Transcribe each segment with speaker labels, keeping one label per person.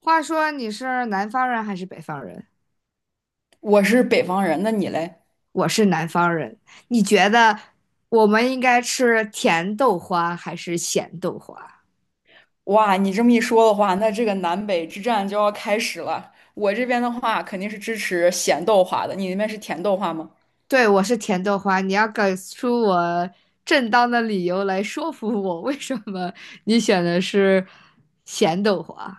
Speaker 1: 话说你是南方人还是北方人？
Speaker 2: 我是北方人，那你嘞？
Speaker 1: 我是南方人，你觉得我们应该吃甜豆花还是咸豆花？
Speaker 2: 哇，你这么一说的话，那这个南北之战就要开始了。我这边的话肯定是支持咸豆花的，你那边是甜豆花吗？
Speaker 1: 对，我是甜豆花，你要给出我正当的理由来说服我，为什么你选的是咸豆花？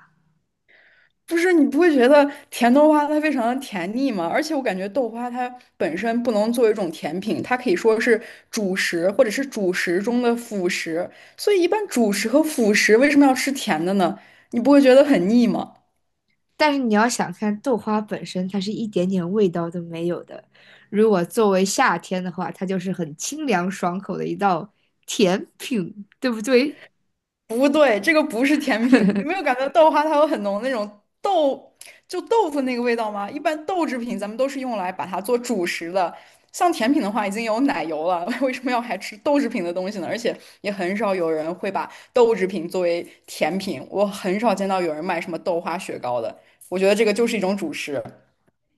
Speaker 2: 不是，你不会觉得甜豆花它非常的甜腻吗？而且我感觉豆花它本身不能作为一种甜品，它可以说是主食或者是主食中的辅食。所以一般主食和辅食为什么要吃甜的呢？你不会觉得很腻吗？
Speaker 1: 但是你要想看豆花本身，它是一点点味道都没有的。如果作为夏天的话，它就是很清凉爽口的一道甜品，对不对？
Speaker 2: 不对，这个不是甜品。你没有 感觉到豆花它有很浓那种豆，就豆腐那个味道吗？一般豆制品咱们都是用来把它做主食的，像甜品的话已经有奶油了，为什么要还吃豆制品的东西呢？而且也很少有人会把豆制品作为甜品，我很少见到有人卖什么豆花雪糕的。我觉得这个就是一种主食。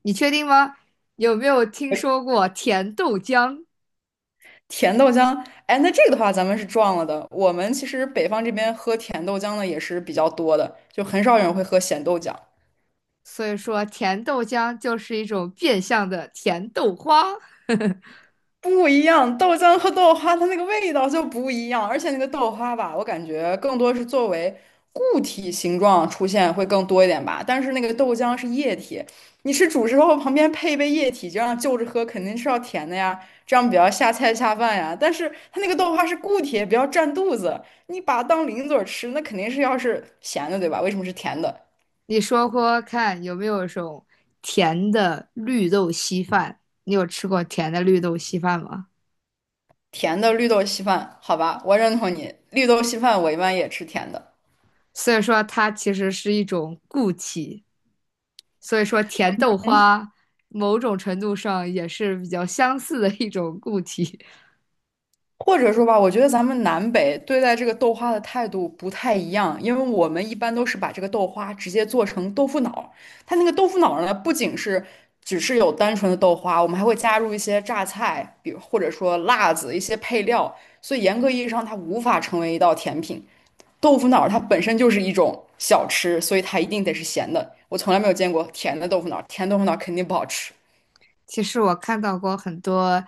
Speaker 1: 你确定吗？有没有听说过甜豆浆？
Speaker 2: 甜豆浆，哎，那这个的话咱们是撞了的。我们其实北方这边喝甜豆浆的也是比较多的，就很少有人会喝咸豆浆。
Speaker 1: 所以说，甜豆浆就是一种变相的甜豆花。
Speaker 2: 不一样，豆浆和豆花它那个味道就不一样，而且那个豆花吧，我感觉更多是作为固体形状出现会更多一点吧。但是那个豆浆是液体，你吃主食后旁边配一杯液体，这样就着喝肯定是要甜的呀，这样比较下菜下饭呀。但是它那个豆花是固体，比较占肚子，你把它当零嘴儿吃，那肯定是要是咸的，对吧？为什么是甜的？
Speaker 1: 你说说看，有没有一种甜的绿豆稀饭？你有吃过甜的绿豆稀饭吗？
Speaker 2: 甜的绿豆稀饭，好吧，我认同你，绿豆稀饭我一般也吃甜的。
Speaker 1: 所以说，它其实是一种固体。所以说，甜豆花某种程度上也是比较相似的一种固体。
Speaker 2: 或者说吧，我觉得咱们南北对待这个豆花的态度不太一样，因为我们一般都是把这个豆花直接做成豆腐脑，它那个豆腐脑呢，不仅是只是有单纯的豆花，我们还会加入一些榨菜，比如或者说辣子一些配料，所以严格意义上它无法成为一道甜品。豆腐脑它本身就是一种小吃，所以它一定得是咸的。我从来没有见过甜的豆腐脑，甜豆腐脑肯定不好吃。
Speaker 1: 其实我看到过很多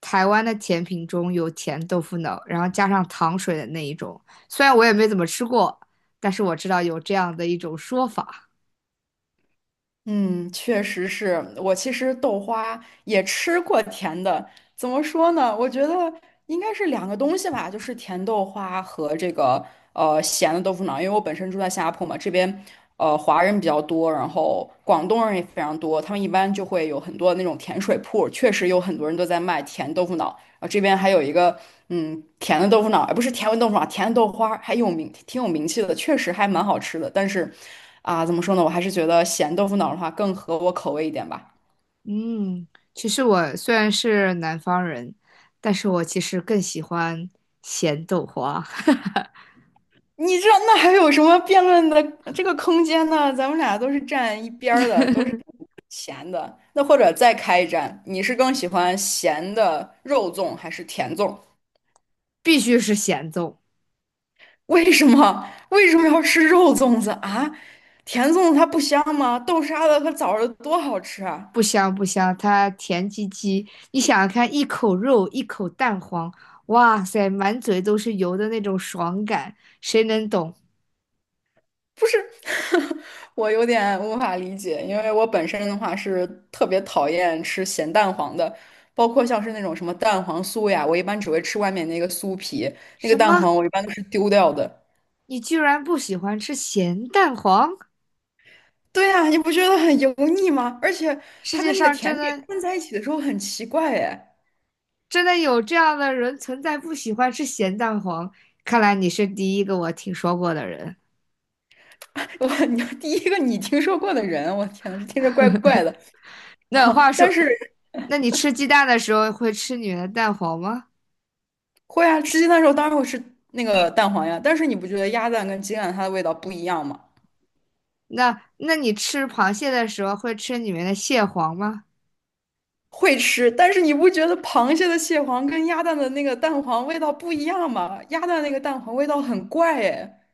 Speaker 1: 台湾的甜品中有甜豆腐脑，然后加上糖水的那一种。虽然我也没怎么吃过，但是我知道有这样的一种说法。
Speaker 2: 嗯，确实是我其实豆花也吃过甜的，怎么说呢？我觉得应该是两个东西吧，就是甜豆花和这个咸的豆腐脑。因为我本身住在新加坡嘛，这边华人比较多，然后广东人也非常多，他们一般就会有很多那种甜水铺，确实有很多人都在卖甜豆腐脑。啊，这边还有一个甜的豆腐脑，而不是甜味豆腐脑，甜的豆花还有名，挺有名气的，确实还蛮好吃的。但是啊，怎么说呢，我还是觉得咸豆腐脑的话更合我口味一点吧。
Speaker 1: 嗯，其实我虽然是南方人，但是我其实更喜欢咸豆花，
Speaker 2: 你这那还有什么辩论的这个空间呢？咱们俩都是站一边儿的，都是咸的。那或者再开一战，你是更喜欢咸的肉粽还是甜粽？
Speaker 1: 必须是咸豆，
Speaker 2: 为什么？为什么要吃肉粽子啊？甜粽子它不香吗？豆沙的和枣儿的多好吃啊！
Speaker 1: 不香不香，它甜唧唧。你想想看，一口肉，一口蛋黄，哇塞，满嘴都是油的那种爽感，谁能懂？
Speaker 2: 我有点无法理解，因为我本身的话是特别讨厌吃咸蛋黄的，包括像是那种什么蛋黄酥呀，我一般只会吃外面那个酥皮，那个
Speaker 1: 什
Speaker 2: 蛋
Speaker 1: 么？
Speaker 2: 黄我一般都是丢掉的。
Speaker 1: 你居然不喜欢吃咸蛋黄？
Speaker 2: 对呀，你不觉得很油腻吗？而且
Speaker 1: 世
Speaker 2: 它
Speaker 1: 界
Speaker 2: 跟那个
Speaker 1: 上
Speaker 2: 甜
Speaker 1: 真
Speaker 2: 品
Speaker 1: 的
Speaker 2: 混在一起的时候很奇怪哎，
Speaker 1: 有这样的人存在，不喜欢吃咸蛋黄？看来你是第一个我听说过的人。
Speaker 2: 我你第一个你听说过的人，我天呐，这听着怪怪的。啊，
Speaker 1: 那话
Speaker 2: 但
Speaker 1: 说，
Speaker 2: 是
Speaker 1: 那你吃鸡蛋的时候会吃里面的蛋黄吗？
Speaker 2: 会啊，吃鸡蛋的时候当然会吃那个蛋黄呀，但是你不觉得鸭蛋跟鸡蛋它的味道不一样吗？
Speaker 1: 那你吃螃蟹的时候会吃里面的蟹黄吗？
Speaker 2: 会吃，但是你不觉得螃蟹的蟹黄跟鸭蛋的那个蛋黄味道不一样吗？鸭蛋那个蛋黄味道很怪哎，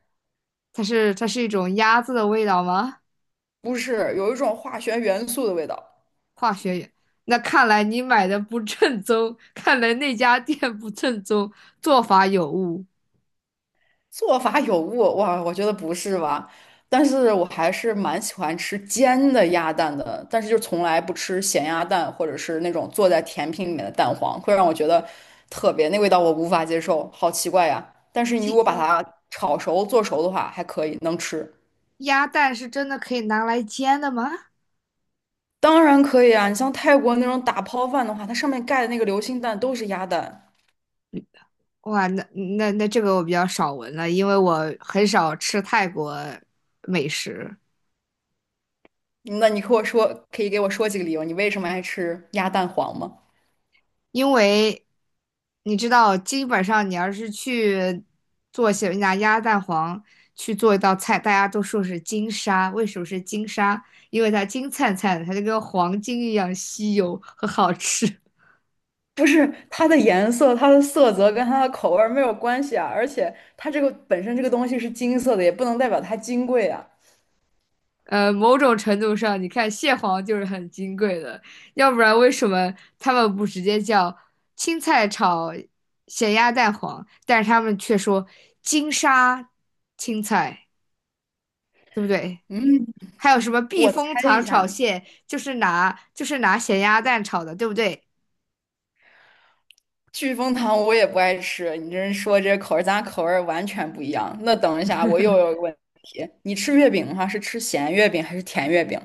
Speaker 1: 它是一种鸭子的味道吗？
Speaker 2: 不是，有一种化学元素的味道，
Speaker 1: 化学原那看来你买的不正宗，看来那家店不正宗，做法有误。
Speaker 2: 做法有误，哇，我觉得不是吧？但是我还是蛮喜欢吃煎的鸭蛋的，但是就从来不吃咸鸭蛋或者是那种做在甜品里面的蛋黄，会让我觉得特别，那味道我无法接受，好奇怪呀。但是你如果把它炒熟做熟的话，还可以，能吃。
Speaker 1: 鸭蛋是真的可以拿来煎的吗？
Speaker 2: 当然可以啊，你像泰国那种打抛饭的话，它上面盖的那个流心蛋都是鸭蛋。
Speaker 1: 哇，那那这个我比较少闻了，因为我很少吃泰国美食，
Speaker 2: 那你和我说，可以给我说几个理由，你为什么爱吃鸭蛋黄吗？
Speaker 1: 因为你知道，基本上你要是去做些拿鸭蛋黄去做一道菜，大家都说是金沙，为什么是金沙？因为它金灿灿的，它就跟黄金一样稀有和好吃。
Speaker 2: 不是它的颜色、它的色泽跟它的口味儿没有关系啊，而且它这个本身这个东西是金色的，也不能代表它金贵啊。
Speaker 1: 某种程度上，你看蟹黄就是很金贵的，要不然为什么他们不直接叫青菜炒咸鸭蛋黄，但是他们却说金沙青菜，对不对？还有什么避
Speaker 2: 我猜
Speaker 1: 风
Speaker 2: 一
Speaker 1: 塘炒
Speaker 2: 下，
Speaker 1: 蟹，就是拿咸鸭蛋炒的，对不对？
Speaker 2: 聚丰堂我也不爱吃，你这人说这口味儿咱俩口味儿完全不一样。那等一下，我又有一个问题，你吃月饼的话是吃咸月饼还是甜月饼？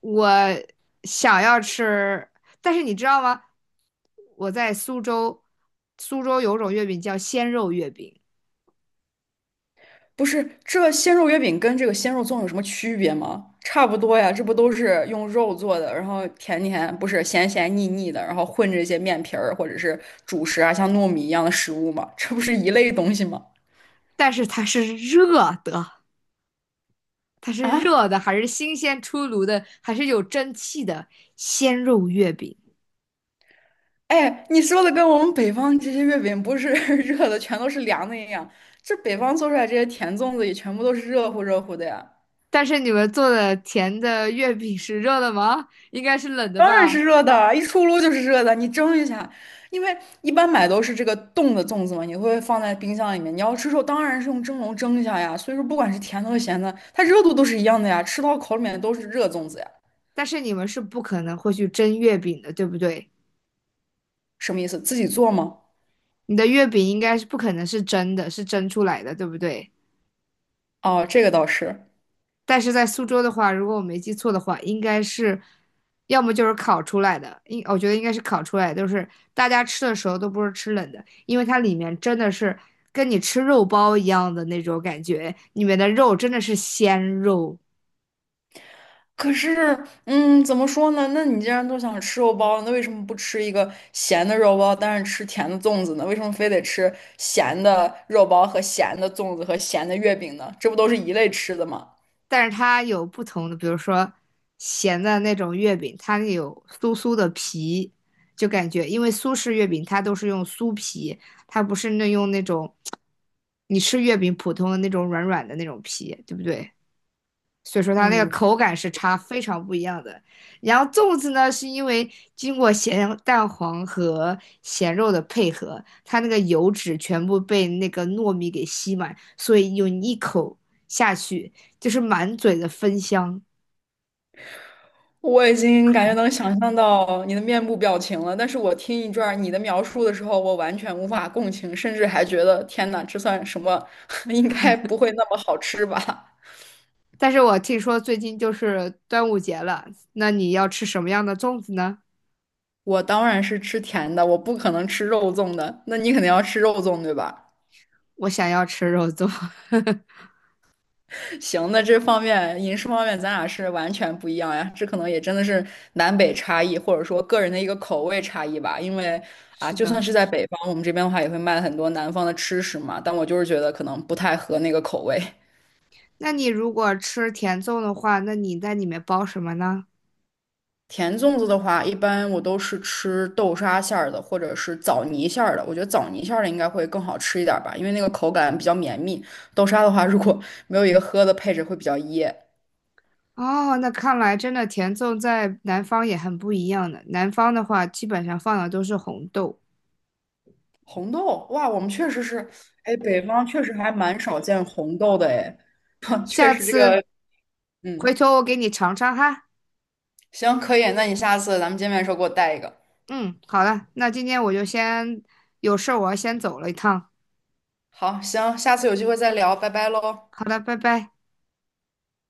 Speaker 1: 我想要吃，但是你知道吗？我在苏州，苏州有种月饼叫鲜肉月饼，
Speaker 2: 不是，这鲜肉月饼跟这个鲜肉粽有什么区别吗？差不多呀，这不都是用肉做的，然后甜甜，不是咸咸腻腻的，然后混着一些面皮儿或者是主食啊，像糯米一样的食物吗？这不是一类东西吗？
Speaker 1: 但是它是热的。它是
Speaker 2: 啊，
Speaker 1: 热的，还是新鲜出炉的，还是有蒸汽的鲜肉月饼。
Speaker 2: 哎，你说的跟我们北方这些月饼不是 热的，全都是凉的一样，这北方做出来这些甜粽子也全部都是热乎热乎的呀。
Speaker 1: 但是你们做的甜的月饼是热的吗？应该是冷的
Speaker 2: 当然
Speaker 1: 吧？
Speaker 2: 是热的，一出炉就是热的。你蒸一下，因为一般买都是这个冻的粽子嘛，你会放在冰箱里面。你要吃肉，当然是用蒸笼蒸一下呀。所以说，不管是甜的和咸的，它热度都是一样的呀，吃到口里面都是热粽子呀。
Speaker 1: 但是你们是不可能会去蒸月饼的，对不对？
Speaker 2: 什么意思？自己做吗？
Speaker 1: 你的月饼应该是不可能是蒸的，是蒸出来的，对不对？
Speaker 2: 哦，这个倒是。
Speaker 1: 但是在苏州的话，如果我没记错的话，应该是要么就是烤出来的，我觉得应该是烤出来的，就是大家吃的时候都不是吃冷的，因为它里面真的是跟你吃肉包一样的那种感觉，里面的肉真的是鲜肉，
Speaker 2: 可是，怎么说呢？那你既然都想吃肉包那为什么不吃一个咸的肉包，但是吃甜的粽子呢？为什么非得吃咸的肉包和咸的粽子和咸的月饼呢？这不都是一类吃的吗？
Speaker 1: 但是它有不同的，比如说咸的那种月饼，它有酥酥的皮，就感觉因为苏式月饼它都是用酥皮，它不是那用那种。你吃月饼普通的那种软软的那种皮，对不对？所以说它那个
Speaker 2: 嗯，
Speaker 1: 口感是差非常不一样的。然后粽子呢，是因为经过咸蛋黄和咸肉的配合，它那个油脂全部被那个糯米给吸满，所以有你一口下去就是满嘴的芬香。
Speaker 2: 我已经感觉能想象到你的面部表情了，但是我听一段儿你的描述的时候，我完全无法共情，甚至还觉得天呐，这算什么？应该不会那么好吃吧？
Speaker 1: 但是我听说最近就是端午节了，那你要吃什么样的粽子呢？
Speaker 2: 我当然是吃甜的，我不可能吃肉粽的。那你肯定要吃肉粽，对吧？
Speaker 1: 我想要吃肉粽。
Speaker 2: 行，那这方面饮食方面，咱俩是完全不一样呀。这可能也真的是南北差异，或者说个人的一个口味差异吧。因为啊，
Speaker 1: 是
Speaker 2: 就算
Speaker 1: 的，
Speaker 2: 是在北方，我们这边的话也会卖很多南方的吃食嘛。但我就是觉得可能不太合那个口味。
Speaker 1: 那你如果吃甜粽的话，那你在里面包什么呢？
Speaker 2: 甜粽子的话，一般我都是吃豆沙馅儿的，或者是枣泥馅儿的。我觉得枣泥馅儿的应该会更好吃一点儿吧，因为那个口感比较绵密。豆沙的话，如果没有一个喝的配置，会比较噎。
Speaker 1: 哦，那看来真的甜粽在南方也很不一样的。南方的话，基本上放的都是红豆。
Speaker 2: 红豆，哇，我们确实是，哎，北方确实还蛮少见红豆的，哎，确
Speaker 1: 下
Speaker 2: 实这个，
Speaker 1: 次回
Speaker 2: 嗯，
Speaker 1: 头我给你尝尝哈。
Speaker 2: 行，可以，那你下次咱们见面的时候给我带一个。
Speaker 1: 嗯，好了，那今天我就先有事儿，我要先走了一趟。
Speaker 2: 好，行，下次有机会再聊，拜拜喽。
Speaker 1: 好的，拜拜。